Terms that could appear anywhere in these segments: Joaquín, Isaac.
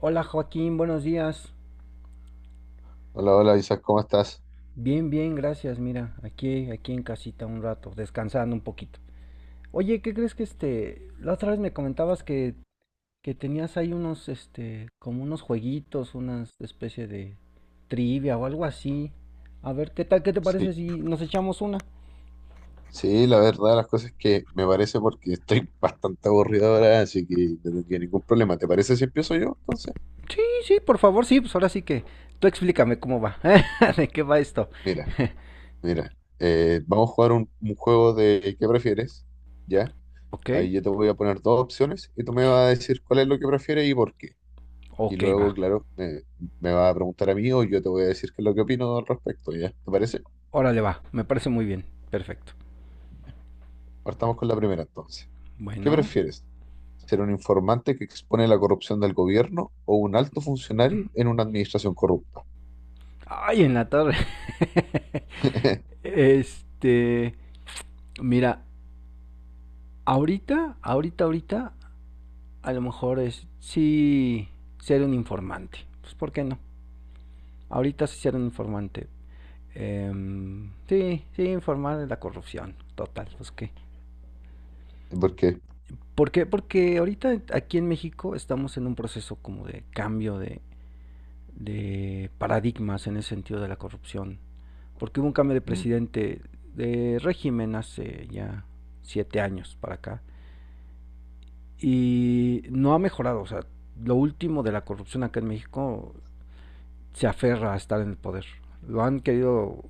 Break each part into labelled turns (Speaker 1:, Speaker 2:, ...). Speaker 1: Hola Joaquín, buenos días.
Speaker 2: Hola, hola Isaac, ¿cómo estás?
Speaker 1: Bien, bien, gracias. Mira, aquí en casita un rato, descansando un poquito. Oye, ¿qué crees que la otra vez me comentabas que tenías ahí unos, como unos jueguitos, una especie de trivia o algo así? A ver, ¿qué tal? ¿Qué te parece
Speaker 2: Sí,
Speaker 1: si nos echamos una?
Speaker 2: sí, la verdad, de las cosas es que me parece porque estoy bastante aburrido ahora, así que no tendría ningún problema. ¿Te parece si empiezo yo entonces?
Speaker 1: Sí, sí, por favor, sí, pues ahora sí que tú explícame cómo va, de qué va esto.
Speaker 2: Mira, mira, vamos a jugar un juego de ¿qué prefieres? ¿Ya?
Speaker 1: Ok,
Speaker 2: Ahí yo te voy a poner dos opciones y tú me vas a decir cuál es lo que prefieres y por qué. Y
Speaker 1: ok,
Speaker 2: luego,
Speaker 1: va.
Speaker 2: claro, me vas a preguntar a mí o yo te voy a decir qué es lo que opino al respecto, ¿ya? ¿Te parece?
Speaker 1: Órale, va, me parece muy bien, perfecto.
Speaker 2: Partamos con la primera entonces. ¿Qué
Speaker 1: Bueno.
Speaker 2: prefieres? ¿Ser un informante que expone la corrupción del gobierno o un alto funcionario en una administración corrupta?
Speaker 1: Ay, en la torre. Este, mira, ahorita, ahorita, ahorita, a lo mejor es sí ser un informante. Pues, ¿por qué no? Ahorita sí ser un informante. Sí, sí, informar de la corrupción. Total, pues qué.
Speaker 2: ¿Por qué?
Speaker 1: ¿Por qué? Porque ahorita aquí en México estamos en un proceso como de cambio de paradigmas en el sentido de la corrupción. Porque hubo un cambio de
Speaker 2: Mm,
Speaker 1: presidente de régimen hace ya 7 años para acá y no ha mejorado. O sea, lo último de la corrupción acá en México se aferra a estar en el poder. Lo han querido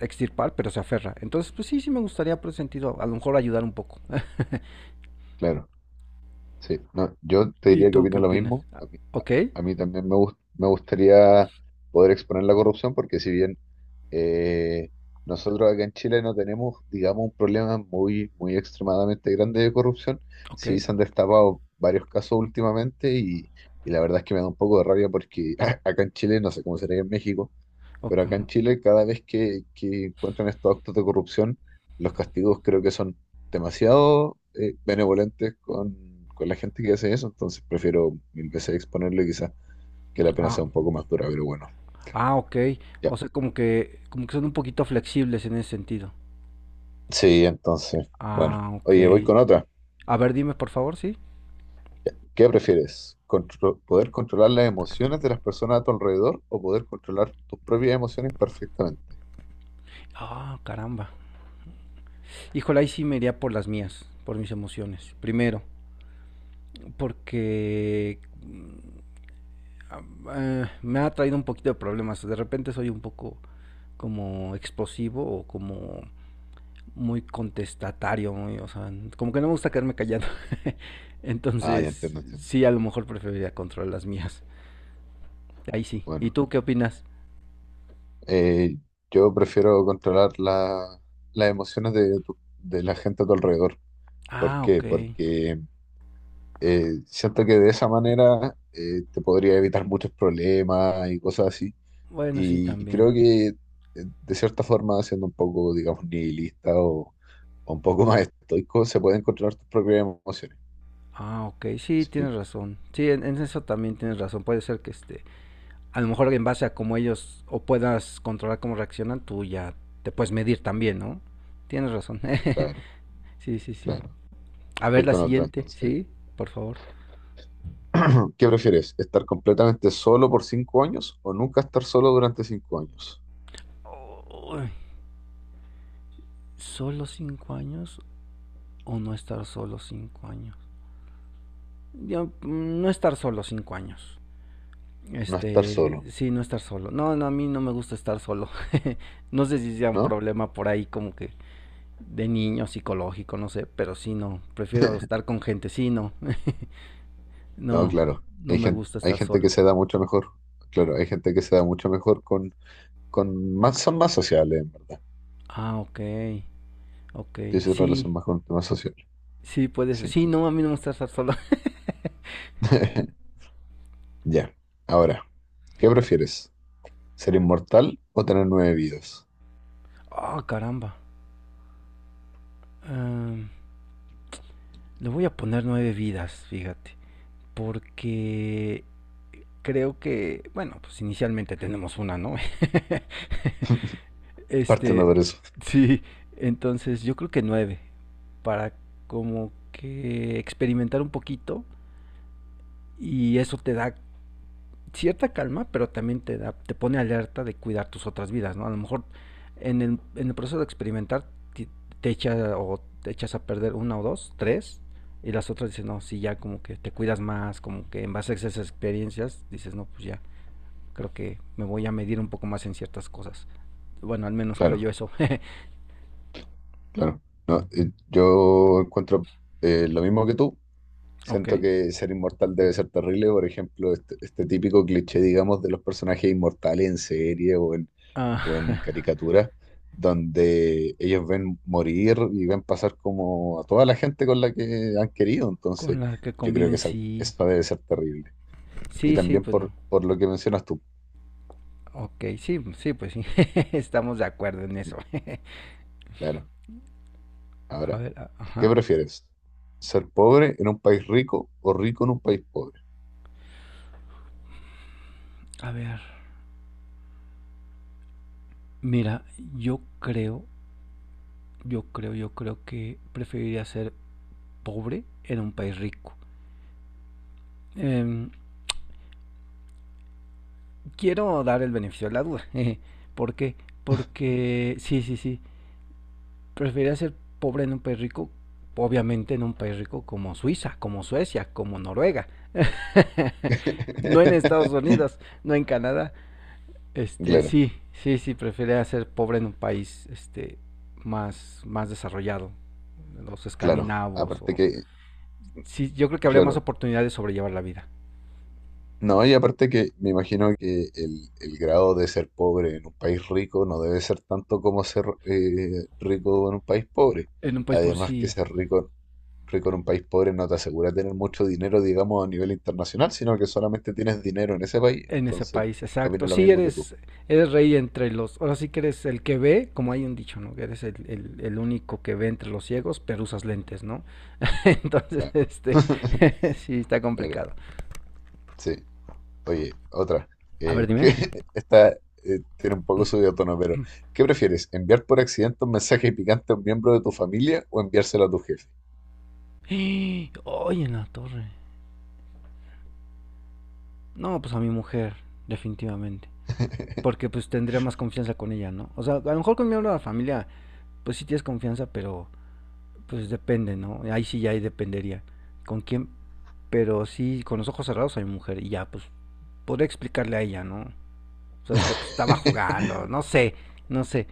Speaker 1: extirpar, pero se aferra. Entonces, pues sí, sí me gustaría por ese sentido a lo mejor ayudar un poco.
Speaker 2: claro, sí. No, yo te
Speaker 1: ¿Y
Speaker 2: diría que
Speaker 1: tú qué
Speaker 2: opino lo
Speaker 1: opinas?
Speaker 2: mismo.
Speaker 1: ¿Ok?
Speaker 2: A mí también me gustaría poder exponer la corrupción porque si bien eh, nosotros acá en Chile no tenemos, digamos, un problema muy, muy extremadamente grande de corrupción,
Speaker 1: ¿Ok?
Speaker 2: sí se han destapado varios casos últimamente y la verdad es que me da un poco de rabia porque acá en Chile, no sé cómo será en México,
Speaker 1: o-
Speaker 2: pero acá en Chile cada vez que encuentran estos actos de corrupción, los castigos creo que son demasiado benevolentes con la gente que hace eso, entonces prefiero mil veces exponerlo quizás que la pena
Speaker 1: Ah,
Speaker 2: sea un poco más dura, pero bueno,
Speaker 1: ah, ok.
Speaker 2: ya.
Speaker 1: O sea, como que son un poquito flexibles en ese sentido.
Speaker 2: Sí, entonces, bueno,
Speaker 1: Ah, ok.
Speaker 2: oye, voy con otra.
Speaker 1: A ver, dime por favor, sí.
Speaker 2: ¿Qué prefieres? ¿Poder controlar las emociones de las personas a tu alrededor o poder controlar tus propias emociones perfectamente?
Speaker 1: Ah, caramba. Híjole, ahí sí me iría por las mías, por mis emociones. Primero, porque ah, me ha traído un poquito de problemas. De repente soy un poco como explosivo o como muy contestatario, muy, o sea, como que no me gusta quedarme callado.
Speaker 2: Ah, ya
Speaker 1: Entonces,
Speaker 2: entiendo, entiendo.
Speaker 1: sí, a lo mejor preferiría controlar las mías. Ahí sí. ¿Y
Speaker 2: Bueno,
Speaker 1: tú qué opinas?
Speaker 2: eh, yo prefiero las emociones de la gente a tu alrededor. ¿Por
Speaker 1: Ah, ok.
Speaker 2: qué? Porque siento que de esa manera te podría evitar muchos problemas y cosas así.
Speaker 1: Bueno, sí,
Speaker 2: Y
Speaker 1: también.
Speaker 2: creo que de cierta forma, siendo un poco, digamos, nihilista o un poco más estoico, se pueden controlar tus propias emociones.
Speaker 1: Ah, ok. Sí, tienes
Speaker 2: Sí,
Speaker 1: razón. Sí, en eso también tienes razón. Puede ser que a lo mejor en base a cómo ellos o puedas controlar cómo reaccionan, tú ya te puedes medir también, ¿no? Tienes razón.
Speaker 2: claro,
Speaker 1: sí, sí, sí.
Speaker 2: claro.
Speaker 1: A ver
Speaker 2: Voy
Speaker 1: la
Speaker 2: con otra
Speaker 1: siguiente,
Speaker 2: entonces.
Speaker 1: ¿sí? Por favor.
Speaker 2: ¿Qué prefieres? ¿Estar completamente solo por 5 años o nunca estar solo durante 5 años?
Speaker 1: Uy, ¿solo 5 años o no estar solo 5 años? Yo, no estar solo 5 años.
Speaker 2: No estar solo,
Speaker 1: Sí, no estar solo. No, no, a mí no me gusta estar solo. no sé si sea un
Speaker 2: ¿no?
Speaker 1: problema por ahí como que de niño psicológico, no sé, pero sí, no. Prefiero estar con gente, sí, no.
Speaker 2: No,
Speaker 1: No,
Speaker 2: claro.
Speaker 1: no me gusta
Speaker 2: Hay
Speaker 1: estar
Speaker 2: gente que
Speaker 1: solo.
Speaker 2: se da mucho mejor. Claro, hay gente que se da mucho mejor con más, son más sociales, en verdad.
Speaker 1: Ah, ok, ok.
Speaker 2: Dice
Speaker 1: Sí,
Speaker 2: relación más con temas sociales.
Speaker 1: sí, puede ser.
Speaker 2: Sí.
Speaker 1: Sí, no, a mí no me gusta estar solo.
Speaker 2: Ya, ahora, ¿qué prefieres? ¿Ser inmortal o tener 9 vidas?
Speaker 1: Ah, caramba. Am, le voy a poner 9 vidas, fíjate. Porque creo que, bueno, pues inicialmente tenemos una, ¿no?
Speaker 2: Partiendo
Speaker 1: Este,
Speaker 2: por eso,
Speaker 1: sí, entonces yo creo que 9. Para como que experimentar un poquito. Y eso te da cierta calma, pero también te pone alerta de cuidar tus otras vidas, ¿no? A lo mejor en el proceso de experimentar te, te echa, o te echas a perder una o dos, tres, y las otras dicen, no, sí, ya como que te cuidas más, como que en base a esas experiencias dices, no, pues ya, creo que me voy a medir un poco más en ciertas cosas. Bueno, al menos creo
Speaker 2: claro,
Speaker 1: yo eso.
Speaker 2: claro. No, yo encuentro lo mismo que tú. Siento
Speaker 1: ok.
Speaker 2: que ser inmortal debe ser terrible. Por ejemplo, este típico cliché, digamos, de los personajes inmortales en serie
Speaker 1: Ah,
Speaker 2: o en caricatura, donde ellos ven morir y ven pasar como a toda la gente con la que han querido.
Speaker 1: con
Speaker 2: Entonces,
Speaker 1: la que
Speaker 2: yo creo que
Speaker 1: conviven, sí.
Speaker 2: esa debe ser terrible. Y
Speaker 1: Sí, sí,
Speaker 2: también
Speaker 1: pues no.
Speaker 2: por lo que mencionas tú.
Speaker 1: Ok, sí, sí, pues sí. Estamos de acuerdo en
Speaker 2: Sí.
Speaker 1: eso.
Speaker 2: Claro.
Speaker 1: a
Speaker 2: Ahora,
Speaker 1: ver,
Speaker 2: ¿qué
Speaker 1: ajá.
Speaker 2: prefieres? ¿Ser pobre en un país rico o rico en un país pobre?
Speaker 1: A ver, mira, yo creo, yo creo que preferiría ser pobre en un país rico. Em, quiero dar el beneficio de la duda. jeje. ¿Por qué? Porque, sí, sí, sí, preferiría ser pobre en un país rico, obviamente en un país rico como Suiza, como Suecia, como Noruega. No en Estados Unidos, no en Canadá.
Speaker 2: Claro,
Speaker 1: Sí, sí, sí, preferiría ser pobre en un país, más desarrollado, los
Speaker 2: claro.
Speaker 1: escandinavos.
Speaker 2: Aparte
Speaker 1: O.
Speaker 2: que,
Speaker 1: Sí, yo creo que habría más
Speaker 2: claro.
Speaker 1: oportunidades de sobrellevar la vida.
Speaker 2: No, y aparte que me imagino que el grado de ser pobre en un país rico no debe ser tanto como ser rico en un país pobre.
Speaker 1: En un país por
Speaker 2: Además que
Speaker 1: sí,
Speaker 2: rico en un país pobre no te asegura tener mucho dinero, digamos, a nivel internacional, sino que solamente tienes dinero en ese país.
Speaker 1: en ese
Speaker 2: Entonces,
Speaker 1: país,
Speaker 2: opino
Speaker 1: exacto.
Speaker 2: lo
Speaker 1: Sí,
Speaker 2: mismo que tú.
Speaker 1: eres rey entre los. Ahora sí que eres el que ve, como hay un dicho, ¿no? Que eres el único que ve entre los ciegos, pero usas lentes, ¿no? Entonces,
Speaker 2: Claro.
Speaker 1: sí, está
Speaker 2: Claro.
Speaker 1: complicado.
Speaker 2: Sí, oye, otra.
Speaker 1: A ver,
Speaker 2: Que
Speaker 1: dime.
Speaker 2: esta tiene un poco subido de tono, pero ¿qué prefieres? ¿Enviar por accidente un mensaje picante a un miembro de tu familia o enviárselo a tu jefe?
Speaker 1: Oye, en la torre. No, pues a mi mujer, definitivamente porque pues tendría más confianza con ella, ¿no? O sea, a lo mejor con miembro de la familia, pues sí tienes confianza, pero pues depende, ¿no? Ahí sí ya ahí dependería. ¿Con quién? Pero sí, con los ojos cerrados a mi mujer. Y ya, pues, podría explicarle a ella, ¿no? Sabes que pues, estaba jugando, no sé, no sé.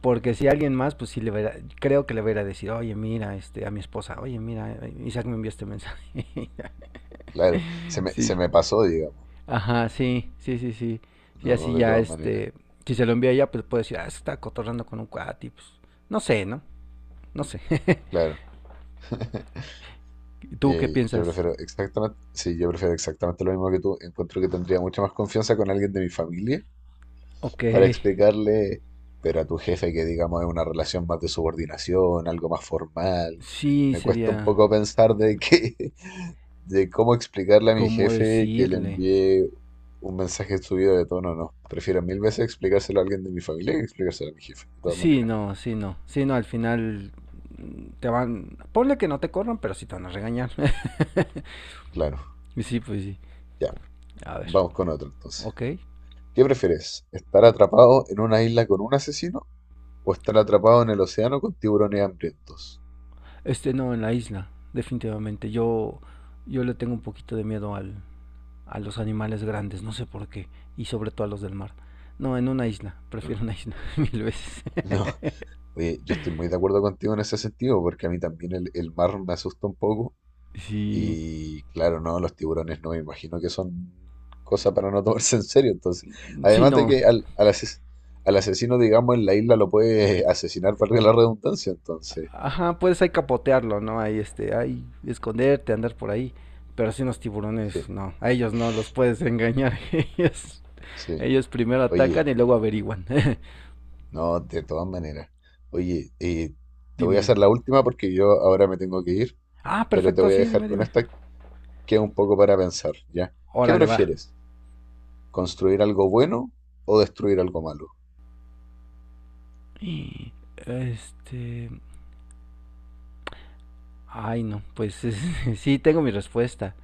Speaker 1: Porque si alguien más, pues sí le verá, creo que le verá decir, oye, mira, a mi esposa, oye, mira, Isaac me envió este mensaje.
Speaker 2: Claro,
Speaker 1: sí,
Speaker 2: se me pasó, digamos.
Speaker 1: ajá, sí, sí, sí, sí. Y
Speaker 2: No,
Speaker 1: así
Speaker 2: de
Speaker 1: ya,
Speaker 2: todas maneras.
Speaker 1: si se lo envía a ella, pues puede decir, ah, se está cotorrando con un cuate, y, pues, no sé, ¿no? No sé.
Speaker 2: Claro.
Speaker 1: ¿Tú qué
Speaker 2: Yo
Speaker 1: piensas?
Speaker 2: prefiero yo prefiero exactamente lo mismo que tú. Encuentro que tendría mucha más confianza con alguien de mi familia
Speaker 1: Ok.
Speaker 2: para explicarle, pero a tu jefe que digamos es una relación más de subordinación, algo más formal,
Speaker 1: Sí,
Speaker 2: me cuesta un
Speaker 1: sería
Speaker 2: poco pensar de que, de cómo explicarle a mi
Speaker 1: como
Speaker 2: jefe que le
Speaker 1: decirle.
Speaker 2: envié un mensaje subido de tono, no. Prefiero mil veces explicárselo a alguien de mi familia que explicárselo a mi jefe, de todas
Speaker 1: Sí,
Speaker 2: maneras.
Speaker 1: no, sí, no. Sí, no, al final ponle que no te corran, pero sí te van a regañar.
Speaker 2: Claro,
Speaker 1: Y sí, pues sí.
Speaker 2: ya,
Speaker 1: A ver,
Speaker 2: vamos con otro entonces.
Speaker 1: ok.
Speaker 2: ¿Qué prefieres? ¿Estar atrapado en una isla con un asesino o estar atrapado en el océano con tiburones hambrientos?
Speaker 1: No, en la isla, definitivamente. Yo le tengo un poquito de miedo a los animales grandes, no sé por qué. Y sobre todo a los del mar. No, en una isla.
Speaker 2: Claro.
Speaker 1: Prefiero una isla 1000 veces.
Speaker 2: No, oye, yo estoy muy de acuerdo contigo en ese sentido, porque a mí también el mar me asusta un poco.
Speaker 1: Sí,
Speaker 2: Y claro, no, los tiburones no me imagino que son cosa para no tomarse en serio. Entonces,
Speaker 1: sí,
Speaker 2: además de
Speaker 1: no.
Speaker 2: que al asesino, digamos, en la isla lo puede asesinar, valga la redundancia. Entonces,
Speaker 1: Ajá, puedes ahí capotearlo, ¿no? Ahí, esconderte, andar por ahí. Pero si los
Speaker 2: sí,
Speaker 1: tiburones, no. A ellos no, los puedes engañar. Ellos,
Speaker 2: sí.
Speaker 1: ellos primero atacan
Speaker 2: Oye,
Speaker 1: y luego averiguan.
Speaker 2: no, de todas maneras. Oye, te
Speaker 1: dime,
Speaker 2: voy a
Speaker 1: dime.
Speaker 2: hacer la última porque yo ahora me tengo que ir,
Speaker 1: Ah,
Speaker 2: pero te
Speaker 1: perfecto,
Speaker 2: voy a
Speaker 1: sí,
Speaker 2: dejar
Speaker 1: dime,
Speaker 2: con
Speaker 1: dime.
Speaker 2: esta que es un poco para pensar, ¿ya? ¿Qué
Speaker 1: Órale, va.
Speaker 2: prefieres? ¿Construir algo bueno o destruir algo malo?
Speaker 1: Y, Este. Ay, no, pues sí, tengo mi respuesta.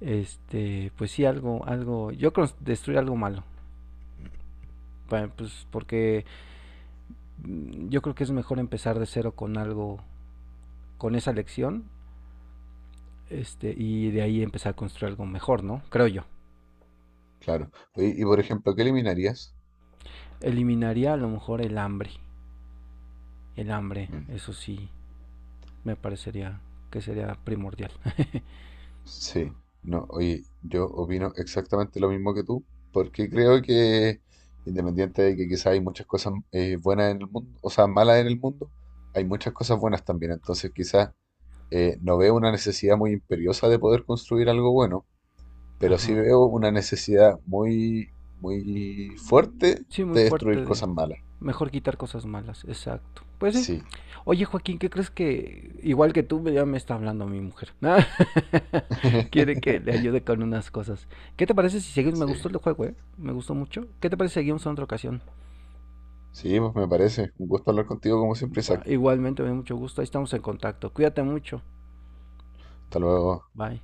Speaker 1: Pues sí, algo, algo. Yo creo destruir algo malo. Pues porque yo creo que es mejor empezar de cero con algo, con esa lección. Y de ahí empezar a construir algo mejor, ¿no? Creo yo.
Speaker 2: Claro. Oye, y por ejemplo, ¿qué eliminarías?
Speaker 1: Eliminaría a lo mejor el hambre. El hambre,
Speaker 2: Mm,
Speaker 1: eso sí, me parecería que sería primordial.
Speaker 2: sí, no, oye, yo opino exactamente lo mismo que tú, porque creo que independiente de que quizás hay muchas cosas buenas en el mundo, o sea, malas en el mundo, hay muchas cosas buenas también. Entonces quizás no veo una necesidad muy imperiosa de poder construir algo bueno, pero sí
Speaker 1: Ajá.
Speaker 2: veo una necesidad muy, muy fuerte
Speaker 1: Sí, muy
Speaker 2: de destruir
Speaker 1: fuerte de.
Speaker 2: cosas malas.
Speaker 1: Mejor quitar cosas malas, exacto. Pues sí.
Speaker 2: Sí,
Speaker 1: Oye, Joaquín, ¿qué crees que igual que tú ya me está hablando mi mujer? Quiere que le ayude con unas cosas. ¿Qué te parece si seguimos? Me gustó
Speaker 2: sí.
Speaker 1: el juego, ¿eh? Me gustó mucho. ¿Qué te parece si seguimos en otra ocasión?
Speaker 2: Sí, pues me parece. Un gusto hablar contigo como siempre,
Speaker 1: Va,
Speaker 2: Isaac.
Speaker 1: igualmente, me da mucho gusto. Ahí estamos en contacto. Cuídate mucho.
Speaker 2: Hasta luego.
Speaker 1: Bye.